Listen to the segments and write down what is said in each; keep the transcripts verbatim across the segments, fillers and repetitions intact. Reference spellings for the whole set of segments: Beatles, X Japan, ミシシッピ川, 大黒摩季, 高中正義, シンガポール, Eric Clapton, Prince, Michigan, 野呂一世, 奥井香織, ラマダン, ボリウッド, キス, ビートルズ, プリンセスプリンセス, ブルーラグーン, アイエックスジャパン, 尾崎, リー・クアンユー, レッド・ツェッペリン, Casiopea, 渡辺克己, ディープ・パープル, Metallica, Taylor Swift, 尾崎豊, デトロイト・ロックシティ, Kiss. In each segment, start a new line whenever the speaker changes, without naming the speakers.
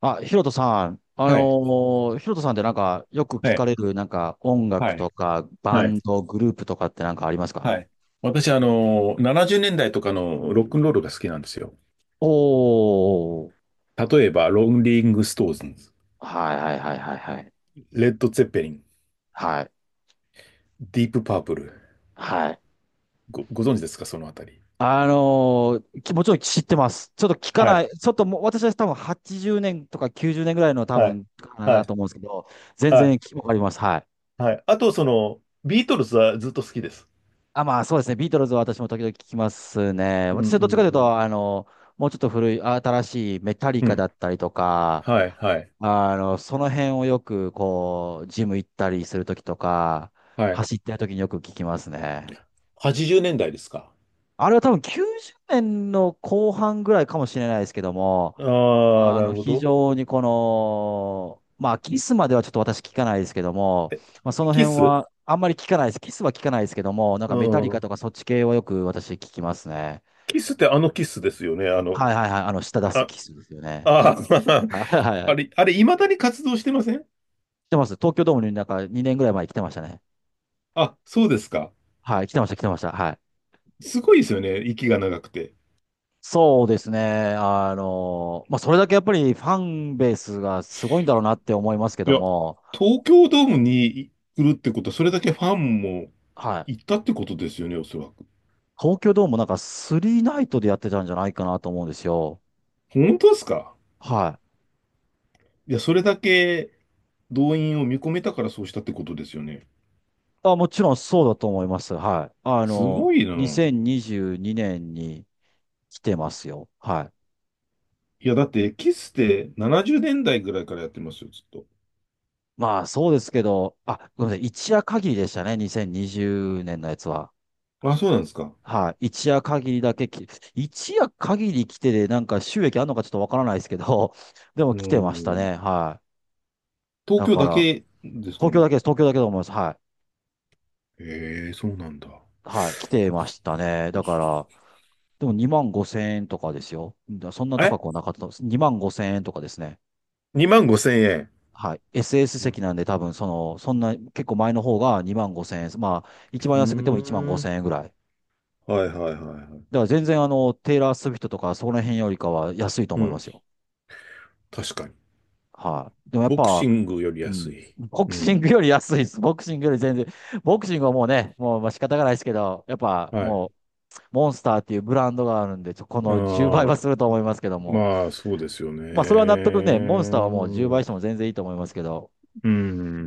あ、ヒロトさん、あの
はい。
ー、ヒロトさんってなんか、よく聞
え
かれ
え
る、なんか、音楽
はい。
とか、バ
はい。
ンド、グループとかってなんかありますか？
はい。私、あの、ななじゅうねんだいとかのロックンロールが好きなんですよ。
おー。
例えば、ロンリング・ストーンズ、
はいはいはいはいはい。
レッド・ツェッペリン、
はい、
ディープ・パープル。
はい。
ご、ご存知ですか、そのあたり。
あのー、きもちろん知ってます。ちょっと聞か
は
な
い。
い、ちょっともう、私は多分はちじゅうねんとかきゅうじゅうねんぐらいの多
はい。
分、か
は
な
い。
と思うんですけど、全
はい。
然きわかります。はい。
はい。あと、その、ビートルズはずっと好きです。
あ、まあそうですね、ビートルズは私も時々聞きますね。
うんう
私はどっちかという
んうん。
と、あのもうちょっと古い、新しいメタリ
う
カだ
ん。
ったりとか、
はい、はい、
あの、その辺をよく、こう、ジム行ったりするときとか、
はい。
走ってるときによく聞きますね。
はちじゅうねんだいですか。
あれは多分きゅうじゅうねんの後半ぐらいかもしれないですけども、
ああ、
あ
な
の、
るほ
非
ど。
常にこの、まあ、キスまではちょっと私聞かないですけども、
え、
まあ、その
キ
辺
ス
はあんまり聞かないです。キスは聞かないですけども、なん
う
かメタリカ
ん。
とかそっち系はよく私聞きますね。
キスってあのキスですよね。あの、
はいはいはい。あの、舌出す
あ、
キスですよね。
ああ、
はいはい は
あ
い。
れ、あれ、未だに活動してません？
来てます。東京ドームになんかにねんぐらい前に来てましたね。
あ、そうですか。
はい、来てました、来てました。はい。
すごいですよね、息が長くて。
そうですね。あの、まあ、それだけやっぱりファンベースがすごいんだろうなって思いますけ
い
ど
や、
も、
東京ドームに来るってことは、それだけファンも
はい。
行ったってことですよね、おそらく。
東京ドームなんかスリーナイトでやってたんじゃないかなと思うんですよ。
本当ですか？
はい。
いや、それだけ動員を見込めたからそうしたってことですよね。
あ、もちろんそうだと思います。はい。あ
す
の、
ごいな。
にせんにじゅうにねんにじゅうにねんに来てますよ。はい。
いや、だって、キスってななじゅうねんだいぐらいからやってますよ、ずっと。
まあそうですけど、あ、ごめんなさい。一夜限りでしたね。にせんにじゅうねんのやつは。
あ、そうなんですか。
はい、一夜限りだけき、一夜限り来てで、なんか収益あるのかちょっとわからないですけど、でも
う
来てました
ん。
ね。はい。
東
だ
京
か
だ
ら、
けですか
東京
ね。
だけです。東京だけだと思います。はい。
ええ、そうなんだ。
はい。来てましたね。だから、でもにまんごせん円とかですよ。だそんな高
え
くはなかったです。にまんごせん円とかですね。
?に 万ご ぜろえん。
はい。エスエス 席なんで多分、その、そんな、結構前の方がにまんごせん円。まあ、一番
う
安くてもいちまん
ーん。
ごせん円ぐらい。
はいはいはいはい。
だから全然あの、テイラー・スウィフトとかそこら辺よりかは安いと
う
思いま
ん。
すよ。
確かに。
はい。でもやっ
ボクシ
ぱ、
ングより
う
安
ん。
い。
ボ
う
クシン
ん。
グより安いです。ボクシングより全然。ボクシングはもうね、もうまあ仕方がないですけど、やっぱ
はい。
もう、モンスターっていうブランドがあるんで、ちょこ
あ
のじゅうばいは
ー
すると思いますけども。
まあ、そうですよ
まあ、それは納
ね。
得ね、モンスターはもうじゅうばいしても全然いいと思いますけど。
う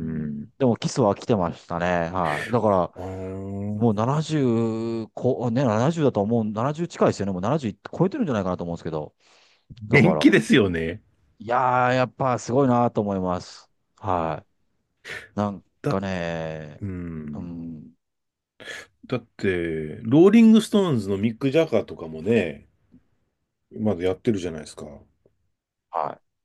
うん、でも、キスは来てましたね。はい。だから、
あー
もうななじゅうこ、ね、ななじゅうだと思う、ななじゅう近いですよね。もうななじゅう超えてるんじゃないかなと思うんですけど。だか
元
ら、
気ですよね。
いやー、やっぱすごいなと思います。はい。なんか
だ、
ね、
う
う
ん。
ん。
だって、ローリングストーンズのミック・ジャガーとかもね、まだやってるじゃないですか。
はい。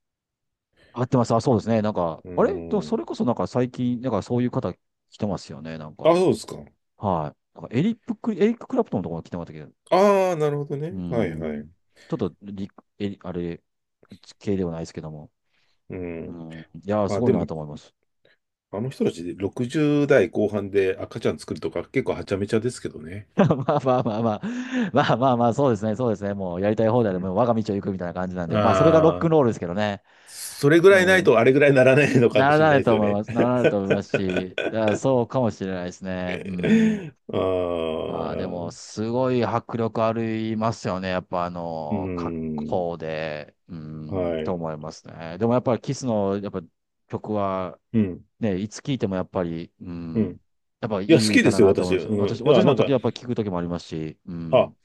合ってます。あ、そうですね。なんか、
う
あれと、それ
ん。
こそなんか最近、なんかそういう方来てますよね。なん
あ、
か、
そうですか。
はい。なんかエリップク、エリック・クラプトンのところ来てましたけど、
ああ、なるほど
うー
ね。はいはい。
ん。ちょっとリ、え、あれ、系ではないですけども。
う
う
ん。
ん。いやー、
ま
す
あ
ごい
で
な
も、
と思います。
あの人たちでろくじゅう代後半で赤ちゃん作るとか結構はちゃめちゃですけどね。
まあまあまあまあ。まあまあまあ、そうですね。そうですね。もうやりたい放題で、
う
も
ん。
う我が道を行くみたいな感じなんで。まあ、それがロックン
ああ、
ロールですけどね。
それぐ
う
らいない
ん。
とあれぐらいならないのか
な
も
ら
しれな
な
い
い
です
と
よ
思い
ね。
ます。ならないと思いますし、いやそうかもしれないですね。うん。
あ
ああ、でも、
あ、
すごい迫力ありますよね。やっぱ、あ
う
の、格
ん、
好で、うん、
は
と
い。
思いますね。でも、やっぱり、キスの、やっぱ、曲は、
うん、
ね、いつ聴いても、やっぱり、う
うん。
ん、やっぱ、い
いや、好
い
きで
歌だ
すよ、
なと思
私。
います。
うん。
私、
いや、
私も
なん
時
か、
々、やっぱ、聴く時もありますし、う
あ、
ん。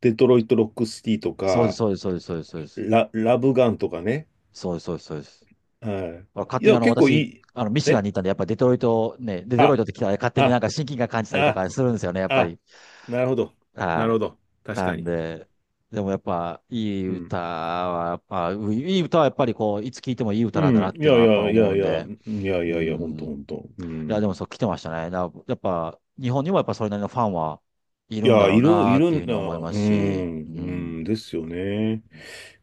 デトロイト・ロックシティと
そうです、
か、
そうです、そうです、そうです、そうです。
ラ、ラブガンとかね。
そうです、そうです、そうです。
は
まあ
い。
勝
い
手に、
や、
あの、
結構い
私、
い。
あの、ミシガン
え
に行ったんで、やっぱ、デトロイト、ね、でデトロイ
あ、
トって来たら、勝手になん
あ、
か親近感感じたりと
あ、
かするんですよね、やっぱ
あ、
り。
なるほど。なる
は
ほど。
い。
確
な
か
ん
に。
で、でもやっぱいい
うん
歌は、やっぱ、ういい歌はやっぱりこう、いつ聴いてもいい
う
歌なんだな
ん。
っ
い
ていう
や
のは
い
やっぱ
やい
思
や
う
い
ん
や、う
で、
んいやい
う
やいやいやいやいやいやほん
ん。
とほ
い
んと。う
や、でもそう
ん。
来てましたね。な、やっぱ、日本にもやっぱそれなりのファンはい
い
るんだ
や、
ろう
いる、
な
い
っ
る
ていう
ん
ふうに
だ。
思いま
う
すし、う
ん、う
ん。って
ん、ですよね。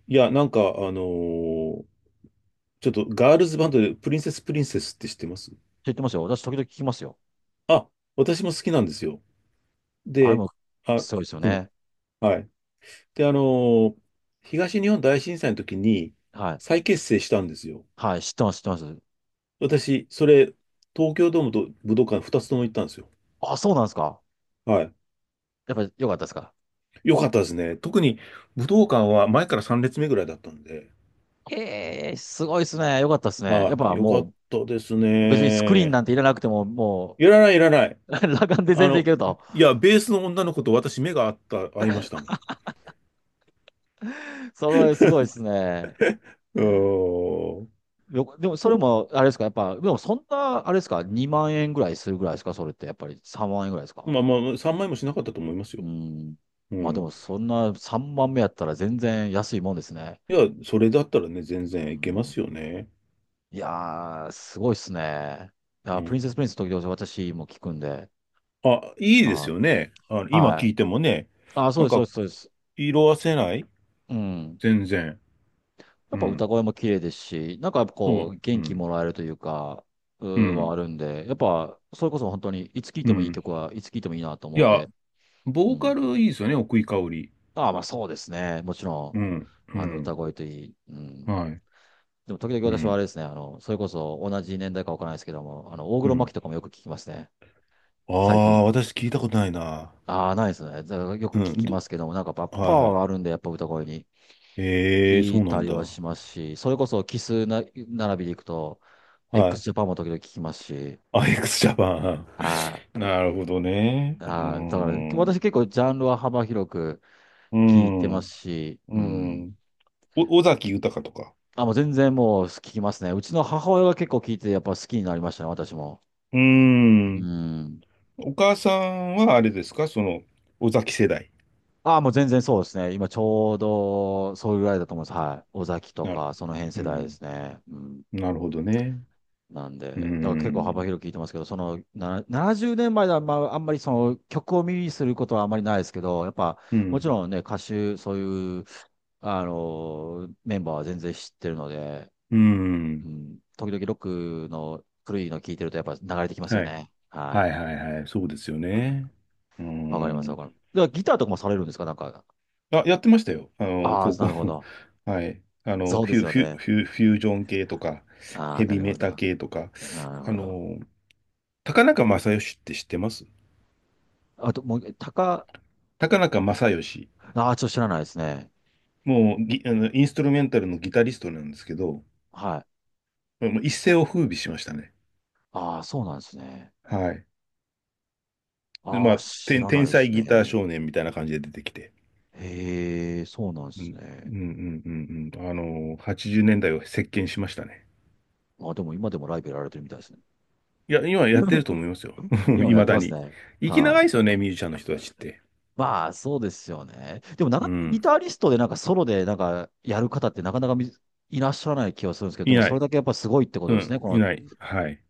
いや、なんか、あのーちょっとガールズバンドでプリンセスプリンセスって知ってます？
言ってますよ。私、時々聞きますよ。
あ、私も好きなんですよ。
あれ
で、
も、
あ、
そうですよ
うん、
ね。
はい。で、あのー東日本大震災の時に
はい。
再結成したんですよ。
はい、知ってます、知ってます。
私、それ、東京ドームと武道館ふたつとも行ったんですよ。
あ、そうなんですか。
はい。
やっぱ、良かったですか。
良かったですね。特に武道館は前からさん列目ぐらいだったんで、
ええ、すごいですね。良かったですね。やっ
はい、
ぱ、
良かっ
も
たです
う、別にスクリーンな
ね。
んていらなくても、も
いらない、いらない。
う、裸眼で
あ
全然い
の、
けると。
いや、ベースの女の子と私目が合った、合いましたもん。
それはすごいですね。
うーん。
よでも、それも、あれですか、やっぱ、でも、そんな、あれですか、にまん円ぐらいするぐらいですか、それって、やっぱりさんまん円ぐらいですか。
まあまあ、さんまいもしなかったと思います
う
よ。
ん。
う
まあ、で
ん。
も、そんなさんまんやったら全然安いもんですね。
いや、それだったらね、全
う
然いけま
ん、
すよね。
いやー、すごいっすね。いや
う
ー、プリ
ん。
ンセスプリンス時々私も聞くんで。
あ、いいです
あ、
よね。あの、今
はい。
聞いてもね、
あ、そ
な
う
ん
です、そう
か、
です、そうです。
色褪せない、
うん。
全然。
やっ
う
ぱ歌
ん。
声も綺麗ですし、なんかやっぱ
そ
こう、
う。う
元気も
ん。
らえるというか、う
う
ーは
ん。
あるんで、やっぱ、それこそ本当に、いつ聴い
う
てもいい
ん。
曲はいつ聴いてもいいなと
い
思うん
や、
で、う
ボーカ
ん。
ルいいですよね、奥井香織。
ああ、まあそうですね。もちろ
うん、う
ん、あの、歌
ん、
声といい。うん。
はい、
でも時々
う
私はあれ
ん、
ですね、あの、それこそ同じ年代かわからないですけども、あの、大
う
黒摩
ん。
季とかもよく聞きますね。
あ
最
あ、
近。
私聞いたことないな。
ああ、ないですね。だからよく
う
聞
ん、
き
ど、
ますけども、なんかやっぱパ
はい
ワ
は
ーが
い。
あるんで、やっぱ歌声に。
ええ、
聞
そう
い
な
た
ん
り
だ。
はしますし、それこそキスな並びでいくと、
は
x
い。
ジャパンも時々聞きますし、
アイエックスジャパン。
あ
なるほどね。うー
あだから私
ん。
結構ジャンルは幅広く
う
聞いて
ん。
ます
う
し、うん。
ん。お、尾崎豊とか。
あ、もう全然もう聞きますね。うちの母親が結構聞いてやっぱ好きになりましたね、私も。
うー
う
ん。
ん。
お母さんはあれですかその、尾崎世代。
あ、もう全然そうですね。今ちょうどそういうぐらいだと思います。はい。尾崎と
なる。
か、その辺
う
世代で
ん。
すね。うん。
なるほどね。
なんで、
うー
だから結構幅
ん。
広く聞いてますけど、そのなななじゅうねんまえでは、まあ、あんまりその曲を耳にすることはあまりないですけど、やっぱ
う
もち
ん。
ろんね、歌手、そういう、あの、メンバーは全然知ってるので、
うー
う
ん。
ん、時々ロックの古いの聞いてるとやっぱ流れてきますよ
はい。
ね。
は
は
いはいはい、そうですよ
い。うん、
ね。う
わかります、わ
ん。
かります。ではギターとかもされるんですかなんか。
あ、やってましたよ。あの、
ああ、
高
な
校。
るほど。
はい。あの、
そう
フ
です
ュ、
よ
フュ、
ね。
フュ、フュージョン系とか、
ああ、
ヘ
な
ビ
る
メ
ほ
タ
ど。
系とか、
なる
あ
ほど。
の、高中正義って知ってます？
あと、もう、高、
高中正義。
ああ、ちょっと知らないですね。
もうギ、あの、インストゥルメンタルのギタリストなんですけど、
はい。
もう一世を風靡しましたね。
ああ、そうなんですね。
はい。で
あ
ま
あ、
あ、
知
天、
らな
天
いで
才
す
ギター
ね。
少年みたいな感じで出てきて。
へえ、そうなんで
う
す
ん。うん
ね。
うんうんうん。あの、はちじゅうねんだいを席巻しましたね。
あ、でも今でもライブやられてるみたいですね。
いや、今やってると 思いますよ。
今も
い
やっ
ま
て
だ
ます
に。
ね。
生き長
は
い
い。
ですよね、ミュージシャンの人たちって。
まあ、そうですよね。でも、なか
う
なかギ
ん。
タリストでなんかソロでなんかやる方ってなかなかみいらっしゃらない気がするんですけど、で
い
も
な
それ
い。
だけやっぱすごいってこ
う
とですね。
ん。
こ
い
の、
ない。はい。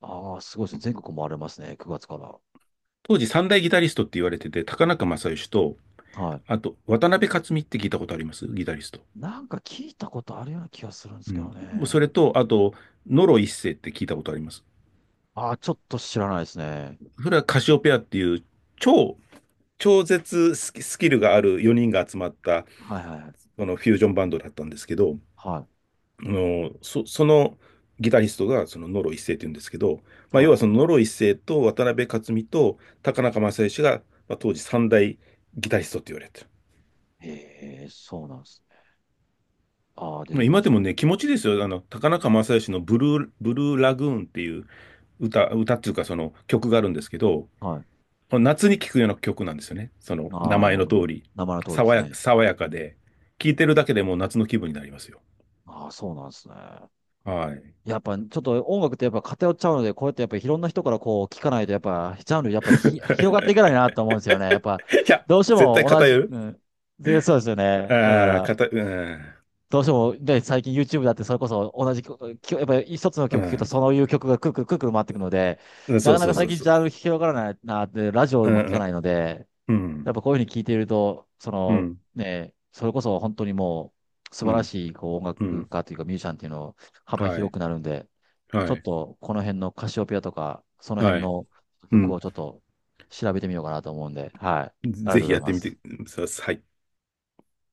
ああ、すごいですね。全国回れますね。くがつから。
当時三大ギタリストって言われてて、高中正義と、
はい。
あと、渡辺克己って聞いたことあります？ギタリスト。
なんか聞いたことあるような気がするんです
う
け
ん。
ど
もうそれ
ね。
と、あと、野呂一世って聞いたことあります？
ああ、ちょっと知らないですね。
それはカシオペアっていう、超、超絶スキスキルがあるよにんが集まった、
はいはいはい。
このフュージョンバンドだったんですけど、
は
あの、そ、そのギタリストがそのノロ一世って言うんですけど、
い。
まあ、
は
要は
い。
そのノロ一世と渡辺克己と高中正義が、まあ、当時三大ギタリストって言われてる。
へえ、そうなんです。ああ、出
まあ、
てきま
今
し
で
た
も
ね。
ね、気持ちいいですよ。あの、高中正義のブルー、ブルーラグーンっていう歌、歌っていうかその曲があるんですけど、
はい。
この夏に聴くような曲なんですよね。その名
ああ、な
前
る
の
ほ
通
ど。
り、
名前の通りで
爽
す
や、
ね。
爽や
う
か
ん。
で、聴いてるだけでもう夏の気分になりますよ。
ああ、そうなんですね。
はい。
やっぱ、ちょっと音楽ってやっぱ偏っちゃうので、こうやってやっぱいろんな人からこう聞かないと、やっぱ、ジャンルやっぱひ広がっていかないなと思うんですよね。やっぱ、
いや、
どうして
絶対
も同
偏
じ、
る。
うん。で、そうですよね。だか
ああ、か
ら、
た、うん、
どうしても、で、最近 YouTube だってそれこそ同じ曲、きょやっぱり一つの
う
曲聴くと
ん、
そういう曲がくるくるくるくる回ってくるので、な
そ
か
う
な
そ
か
う
最
そう
近
そ
ジ
う。
ャンル広がらないなって、ラジオ
う
も聞かな
ん、
いので、
う
やっぱ
ん、
こういうふうに聞いていると、そ
うん、う
の
ん、
ね、それこそ本当にもう素
う
晴ら
ん、
しいこう音
う
楽
ん
家というかミュージシャンっていうのを幅
は
広
い、
くなるんで、ちょ
は
っ
い、
とこの辺のカシオペアとか、その
は
辺
い、
の
う
曲
ん。
をちょっと調べてみようかなと思うんで、はい。ありが
ぜ
とうご
ひ
ざい
やって
ま
みて
す。
ください。